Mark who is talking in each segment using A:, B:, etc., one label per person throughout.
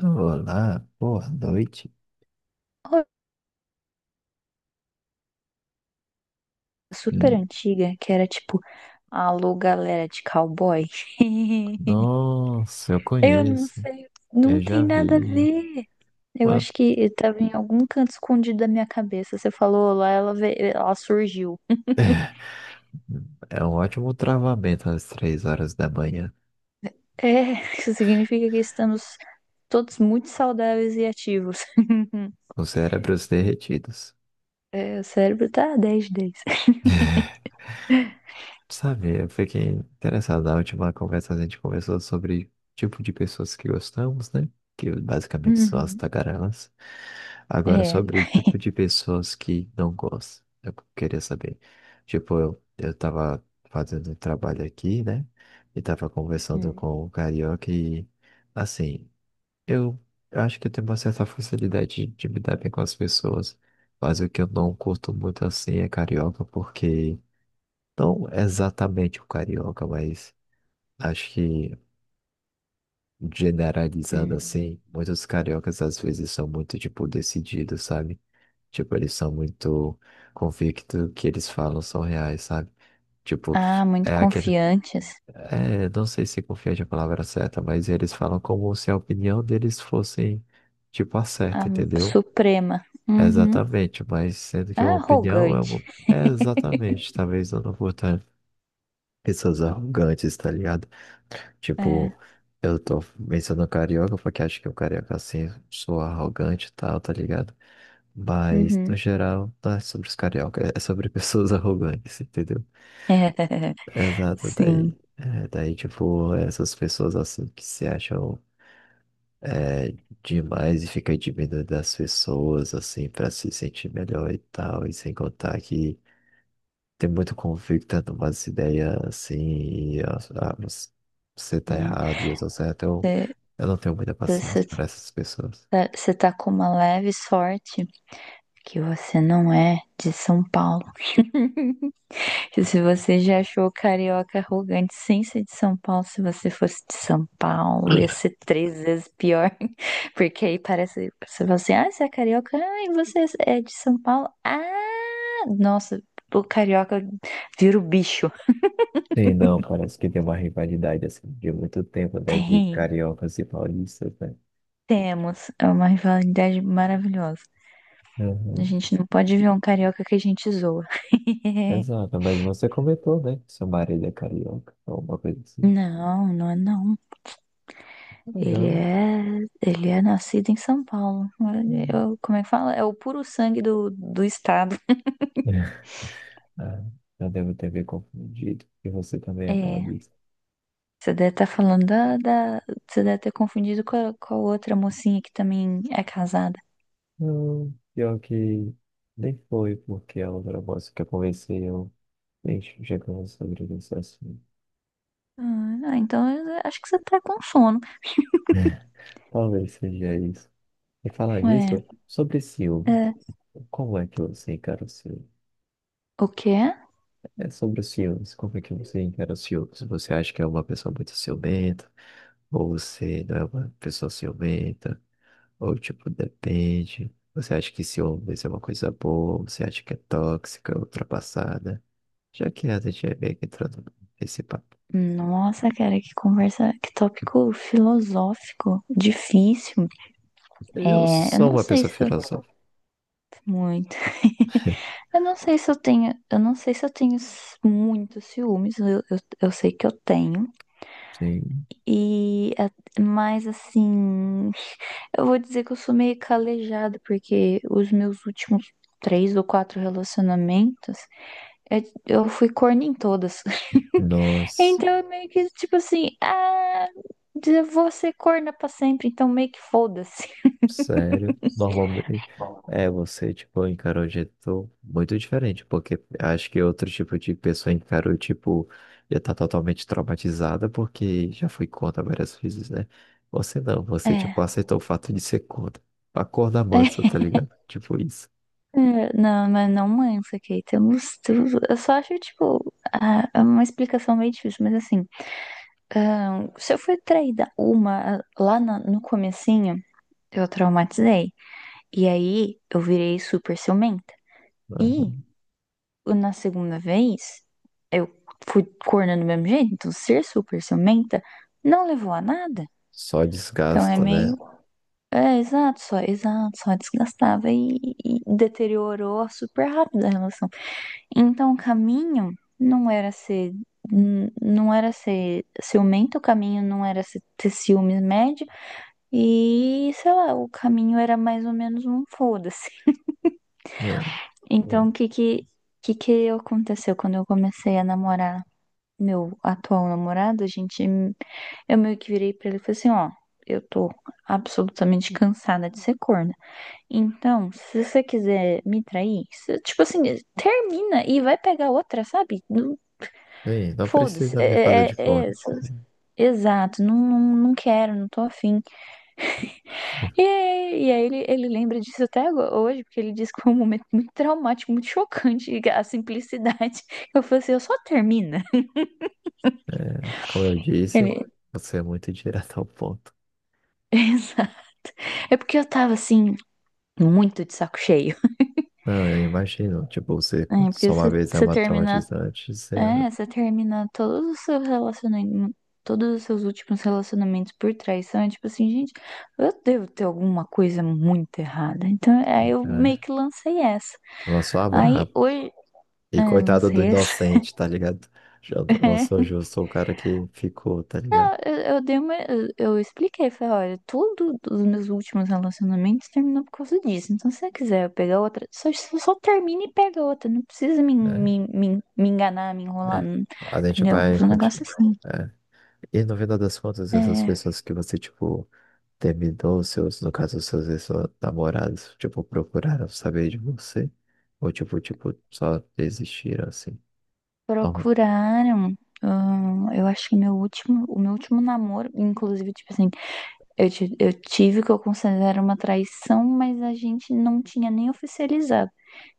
A: Olá, boa noite.
B: Ro- Super
A: Hum.
B: antiga, que era tipo, alô, galera de cowboy.
A: Nossa, eu
B: Eu não
A: conheço.
B: sei, não
A: Eu já
B: tem nada a
A: vi.
B: ver. Eu
A: Mano,
B: acho que eu tava em algum canto escondido da minha cabeça. Você falou lá, ela, ela surgiu.
A: é um ótimo travamento às três horas da manhã,
B: É, isso significa que estamos todos muito saudáveis e ativos.
A: com cérebros derretidos.
B: É, o cérebro tá dez de 10.
A: Sabe, eu fiquei interessado. Na última conversa a gente conversou sobre tipo de pessoas que gostamos, né? Que basicamente são as
B: Uhum.
A: tagarelas. Agora,
B: É.
A: sobre tipo de pessoas que não gostam. Eu queria saber. Tipo, eu tava fazendo um trabalho aqui, né? E tava conversando
B: Hum,
A: com o carioca e, assim, eu, eu acho que eu tenho uma certa facilidade de me dar bem com as pessoas. Mas o que eu não curto muito assim é carioca, porque. Não exatamente o carioca, mas acho que generalizando
B: hum.
A: assim, muitos cariocas às vezes são muito, tipo, decididos, sabe? Tipo, eles são muito convictos que eles falam são reais, sabe? Tipo,
B: Ah, muito
A: é aquele.
B: confiantes.
A: É, não sei se confiante é a palavra certa, mas eles falam como se a opinião deles fosse, tipo, a
B: Ah,
A: certa, entendeu?
B: suprema. Uhum.
A: Exatamente, mas sendo que uma
B: Ah,
A: opinião é
B: arrogante.
A: uma. É exatamente, talvez eu não vou estar. Pessoas arrogantes, tá ligado? Tipo,
B: É,
A: eu tô mencionando carioca porque acho que o carioca assim sou arrogante e tal, tá ligado? Mas, no
B: uhum.
A: geral, não é sobre os carioca, é sobre pessoas arrogantes, entendeu? Exato,
B: Sim.
A: daí. É, daí, tipo, essas pessoas assim que se acham demais e ficam diminuindo das pessoas, assim, pra se sentir melhor e tal, e sem contar que. Tem muito conflito, tendo umas ideias assim, e você tá
B: Hum.
A: errado e eu tô certo.
B: Você
A: Eu não tenho muita paciência
B: você
A: para essas pessoas.
B: tá você tá com uma leve sorte que você não é de São Paulo. E se você já achou o carioca arrogante sem ser de São Paulo, se você fosse de São Paulo, ia ser três vezes pior. Porque aí parece, você fala assim, ah, você é carioca, ah, e você é de São Paulo? Ah, nossa, o carioca vira o bicho.
A: Sim, não, parece que tem uma rivalidade assim de muito tempo, né? De
B: Tem.
A: cariocas e paulistas, né?
B: Temos, é uma rivalidade maravilhosa. A
A: Uhum.
B: gente não pode ver um carioca que a gente zoa.
A: Exato, mas você comentou, né? Que seu marido é carioca, ou uma coisa assim.
B: Não, não é não.
A: Ah,
B: Ele
A: não.
B: é, ele é nascido em São Paulo. Ele-
A: Hum.
B: eu- como é que fala? É o puro sangue do, do estado.
A: Ah, eu devo ter me confundido. E você também é
B: É,
A: paulista.
B: você deve estar falando da, você deve ter confundido com a, outra mocinha que também é casada.
A: Não, pior que nem foi porque a outra moça que eu conversei, eu nem chegando sobre isso assim.
B: Ah, ah, então eu acho que você tá com sono.
A: Talvez seja isso. E falar nisso,
B: Ué,
A: sobre ciúmes.
B: é,
A: Como é que você encara o ciúme?
B: o quê?
A: É sobre os ciúmes. Como é que você encara os ciúmes? Você acha que é uma pessoa muito ciumenta? Ou você não é uma pessoa ciumenta? Ou tipo, depende. Você acha que ciúmes é uma coisa boa? Você acha que é tóxica, ultrapassada? Já que a gente é meio que entrando nesse papo.
B: Nossa, cara, que conversa, que tópico filosófico, difícil.
A: Eu
B: É, eu
A: sou
B: não
A: uma
B: sei
A: pessoa
B: se eu
A: filosófica.
B: muito. Eu não sei se eu tenho muitos ciúmes. Eu sei que eu tenho.
A: Sim.
B: E mas assim, eu vou dizer que eu sou meio calejada porque os meus últimos três ou quatro relacionamentos, eu fui corna em todas.
A: Nossa,
B: Então é meio que tipo assim, ah, eu vou ser corna pra sempre, então meio que foda-se.
A: sério. Normalmente é você, tipo, encarou de jeito muito diferente, porque acho que outro tipo de pessoa encarou, tipo, já tá totalmente traumatizada porque já foi contra várias vezes, né? Você não, você, tipo,
B: É.
A: aceitou o fato de ser contra. Acorda manso, tá ligado? Tipo isso.
B: É, não, mas não mansa, Kate. Eu, não, eu só acho, tipo, ah, é uma explicação meio difícil, mas assim, ah, se eu fui traída lá no comecinho, eu traumatizei. E aí eu virei super ciumenta. E
A: Aham.
B: na segunda vez, eu fui cornando do mesmo jeito. Então, ser super ciumenta não levou a nada.
A: Só
B: Então, é só
A: desgasta,
B: meio,
A: né?
B: desculpa. É, exato, só desgastava e deteriorou super rápido a relação. Então, o caminho não era ser. Não era ser ciumento, o caminho não era ter ciúmes médio, e sei lá, o caminho era mais ou menos um foda-se. Então,
A: Hum.
B: o que que aconteceu quando eu comecei a namorar meu atual namorado? Eu meio que virei pra ele e falei assim, ó, eu tô absolutamente cansada de ser corna. Então, se você quiser me trair, você- tipo assim, termina e vai pegar outra, sabe? Não,
A: Bem, não
B: foda-se,
A: precisa me fazer de conta.
B: exato, não, não, não quero, não tô afim. E, e aí ele, lembra disso até hoje, porque ele disse que foi um momento muito traumático, muito chocante, a simplicidade. Eu falei assim, eu só termina.
A: Como eu disse,
B: Ele.
A: você é muito direto ao ponto.
B: Exato. É porque eu tava assim, muito de saco cheio.
A: Não, eu imagino. Tipo, você
B: É,
A: conta
B: porque
A: só uma
B: você,
A: vez é
B: você
A: uma
B: termina.
A: traumatizante, você,
B: É, você termina todos os seus relacionamentos. Todos os seus últimos relacionamentos por traição. É tipo assim, gente, eu devo ter alguma coisa muito errada. Então, aí eu meio
A: né?
B: que lancei essa.
A: Lançou a braba.
B: Aí hoje.
A: E
B: É,
A: coitado do
B: lancei essa.
A: inocente, tá ligado? Eu não sou justo, sou o cara que ficou, tá ligado?
B: Eu expliquei, falei, olha, tudo dos meus últimos relacionamentos terminou por causa disso. Então, se você quiser eu pegar outra, só termina e pega outra. Não precisa me,
A: É,
B: me, me, me enganar, me enrolar,
A: é. A gente
B: entendeu?
A: vai
B: Foi um negócio
A: continuar.
B: assim.
A: E no final das contas, essas
B: É,
A: pessoas que você, tipo, terminou, seus, no caso, seus ex-namorados, tipo, procuraram saber de você? Ou, tipo, só desistiram, assim? Então,
B: procuraram. Eu acho que meu último, namoro, inclusive, tipo assim, eu tive o que eu considero uma traição, mas a gente não tinha nem oficializado.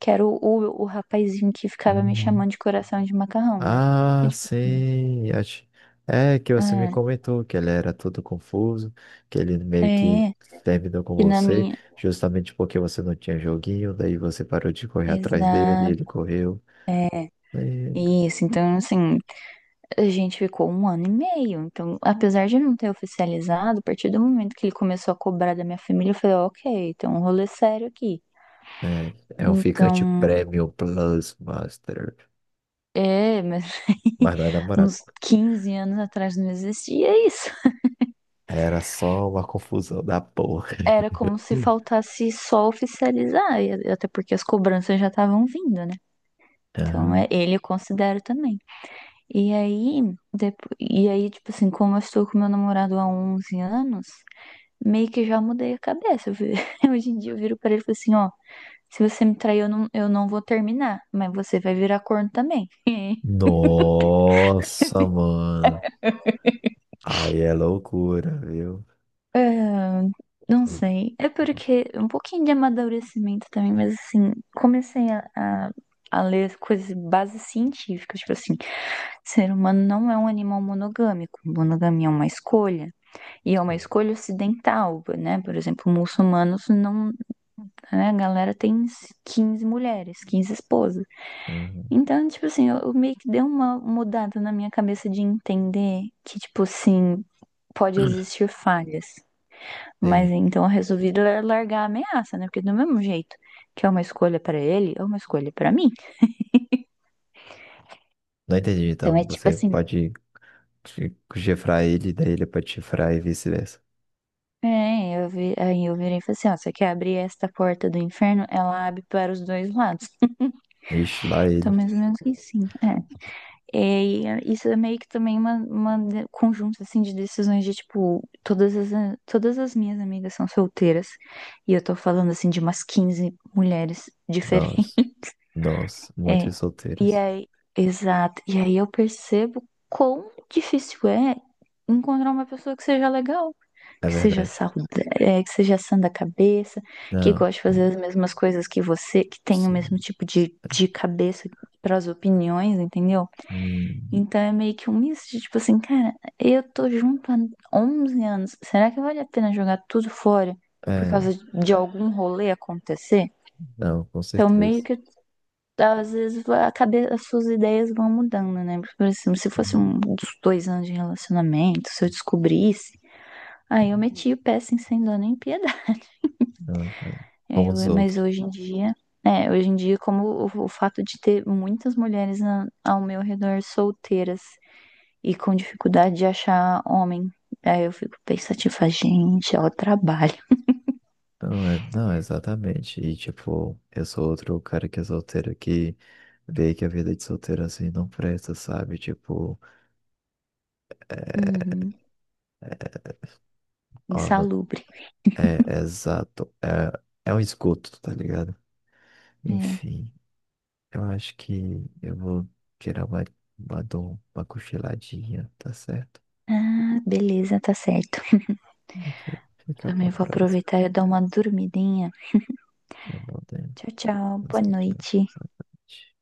B: Que era o rapazinho que ficava me chamando de
A: ah,
B: coração de macarrão, né? E,
A: ah,
B: tipo, assim,
A: sim. É que você me
B: ah,
A: comentou que ele era todo confuso, que ele meio que
B: é.
A: terminou com
B: E na
A: você,
B: minha.
A: justamente porque você não tinha joguinho, daí você parou de correr atrás dele, ele
B: Exato.
A: correu.
B: É
A: Lembro.
B: isso. Então, assim, a gente ficou um ano e meio. Então, apesar de não ter oficializado, a partir do momento que ele começou a cobrar da minha família, eu falei, ok, tem um rolê é sério aqui.
A: É, é um ficante
B: Então,
A: Premium Plus Master,
B: mas aí,
A: mas não é namorado.
B: uns 15 anos atrás não existia isso.
A: Era só uma confusão da porra.
B: Era como se
A: Hum.
B: faltasse só oficializar, e até porque as cobranças já estavam vindo, né? Então,
A: Aham.
B: é- ele eu considero também. E aí, depois, tipo assim, como eu estou com meu namorado há 11 anos, meio que já mudei a cabeça. Hoje em dia eu viro pra ele e falo assim, ó, se você me trair, eu não vou terminar, mas você vai virar corno também.
A: Nossa, mano. Aí é loucura, viu?
B: Ah, não sei. É porque um pouquinho de amadurecimento também, mas assim, comecei a, a ler coisas, bases científicas, tipo assim, ser humano não é um animal monogâmico. Monogamia é uma escolha. E é uma
A: Sim.
B: escolha ocidental, né? Por exemplo, muçulmanos não. Né? A galera tem 15 mulheres, 15 esposas.
A: Aham.
B: Então, tipo assim, eu meio que deu uma mudada na minha cabeça de entender que, tipo assim, pode existir falhas. Mas
A: Sim.
B: então eu resolvi largar a ameaça, né? Porque do mesmo jeito que é uma escolha pra ele, é uma escolha pra mim.
A: Não entendi,
B: Então é
A: então
B: tipo
A: você
B: assim.
A: pode chifrar ele, daí ele pode chifrar e vice-versa.
B: É, eu vi, aí eu virei e falei assim, ó, você quer abrir esta porta do inferno? Ela abre para os dois lados.
A: Ixi, lá
B: Então,
A: ele.
B: mais ou menos assim, é. É, e é- isso é meio que também uma, conjunto assim de decisões de tipo, todas as minhas amigas são solteiras e eu tô falando assim de umas 15 mulheres diferentes.
A: nós, nós
B: É,
A: muitas
B: e
A: solteiras.
B: aí, exato. E aí eu percebo quão difícil é encontrar uma pessoa que seja legal,
A: É
B: que seja
A: verdade.
B: saudável, que seja sã da cabeça, que
A: Não,
B: goste de fazer as mesmas coisas que você, que tenha o mesmo
A: sim.
B: tipo de cabeça para as opiniões, entendeu?
A: Hum,
B: Então é meio que um misto de tipo assim, cara, eu tô junto há 11 anos. Será que vale a pena jogar tudo fora por
A: é,
B: causa de algum rolê acontecer?
A: não, com
B: Então meio
A: certeza.
B: que às vezes vai- a cabeça, as suas ideias vão mudando, né? Por exemplo, se fosse
A: Hum.
B: um dos 2 anos de relacionamento, se eu descobrisse, aí eu metia o pé assim, sem dó nem piedade.
A: Não, não.
B: Aí
A: Como os
B: eu- mas
A: outros.
B: hoje em dia, é, hoje em dia, como o fato de ter muitas mulheres ao meu redor solteiras e com dificuldade de achar homem. Aí eu fico pensativa, tipo, gente, ó, trabalho.
A: Não, é, não, exatamente. E tipo, eu sou outro cara que é solteiro que vê que a vida de solteiro assim não presta, sabe? Tipo,
B: Uhum.
A: ó, não,
B: Insalubre.
A: é, é exato. É, é um esgoto, tá ligado?
B: É.
A: Enfim, eu acho que eu vou tirar uma, dor, uma cochiladinha, tá certo?
B: Ah, beleza, tá certo.
A: Porque fica pra
B: Também vou
A: próxima.
B: aproveitar e dar uma dormidinha.
A: É bom ter
B: Tchau, tchau. Boa
A: pensado de
B: noite.
A: noite.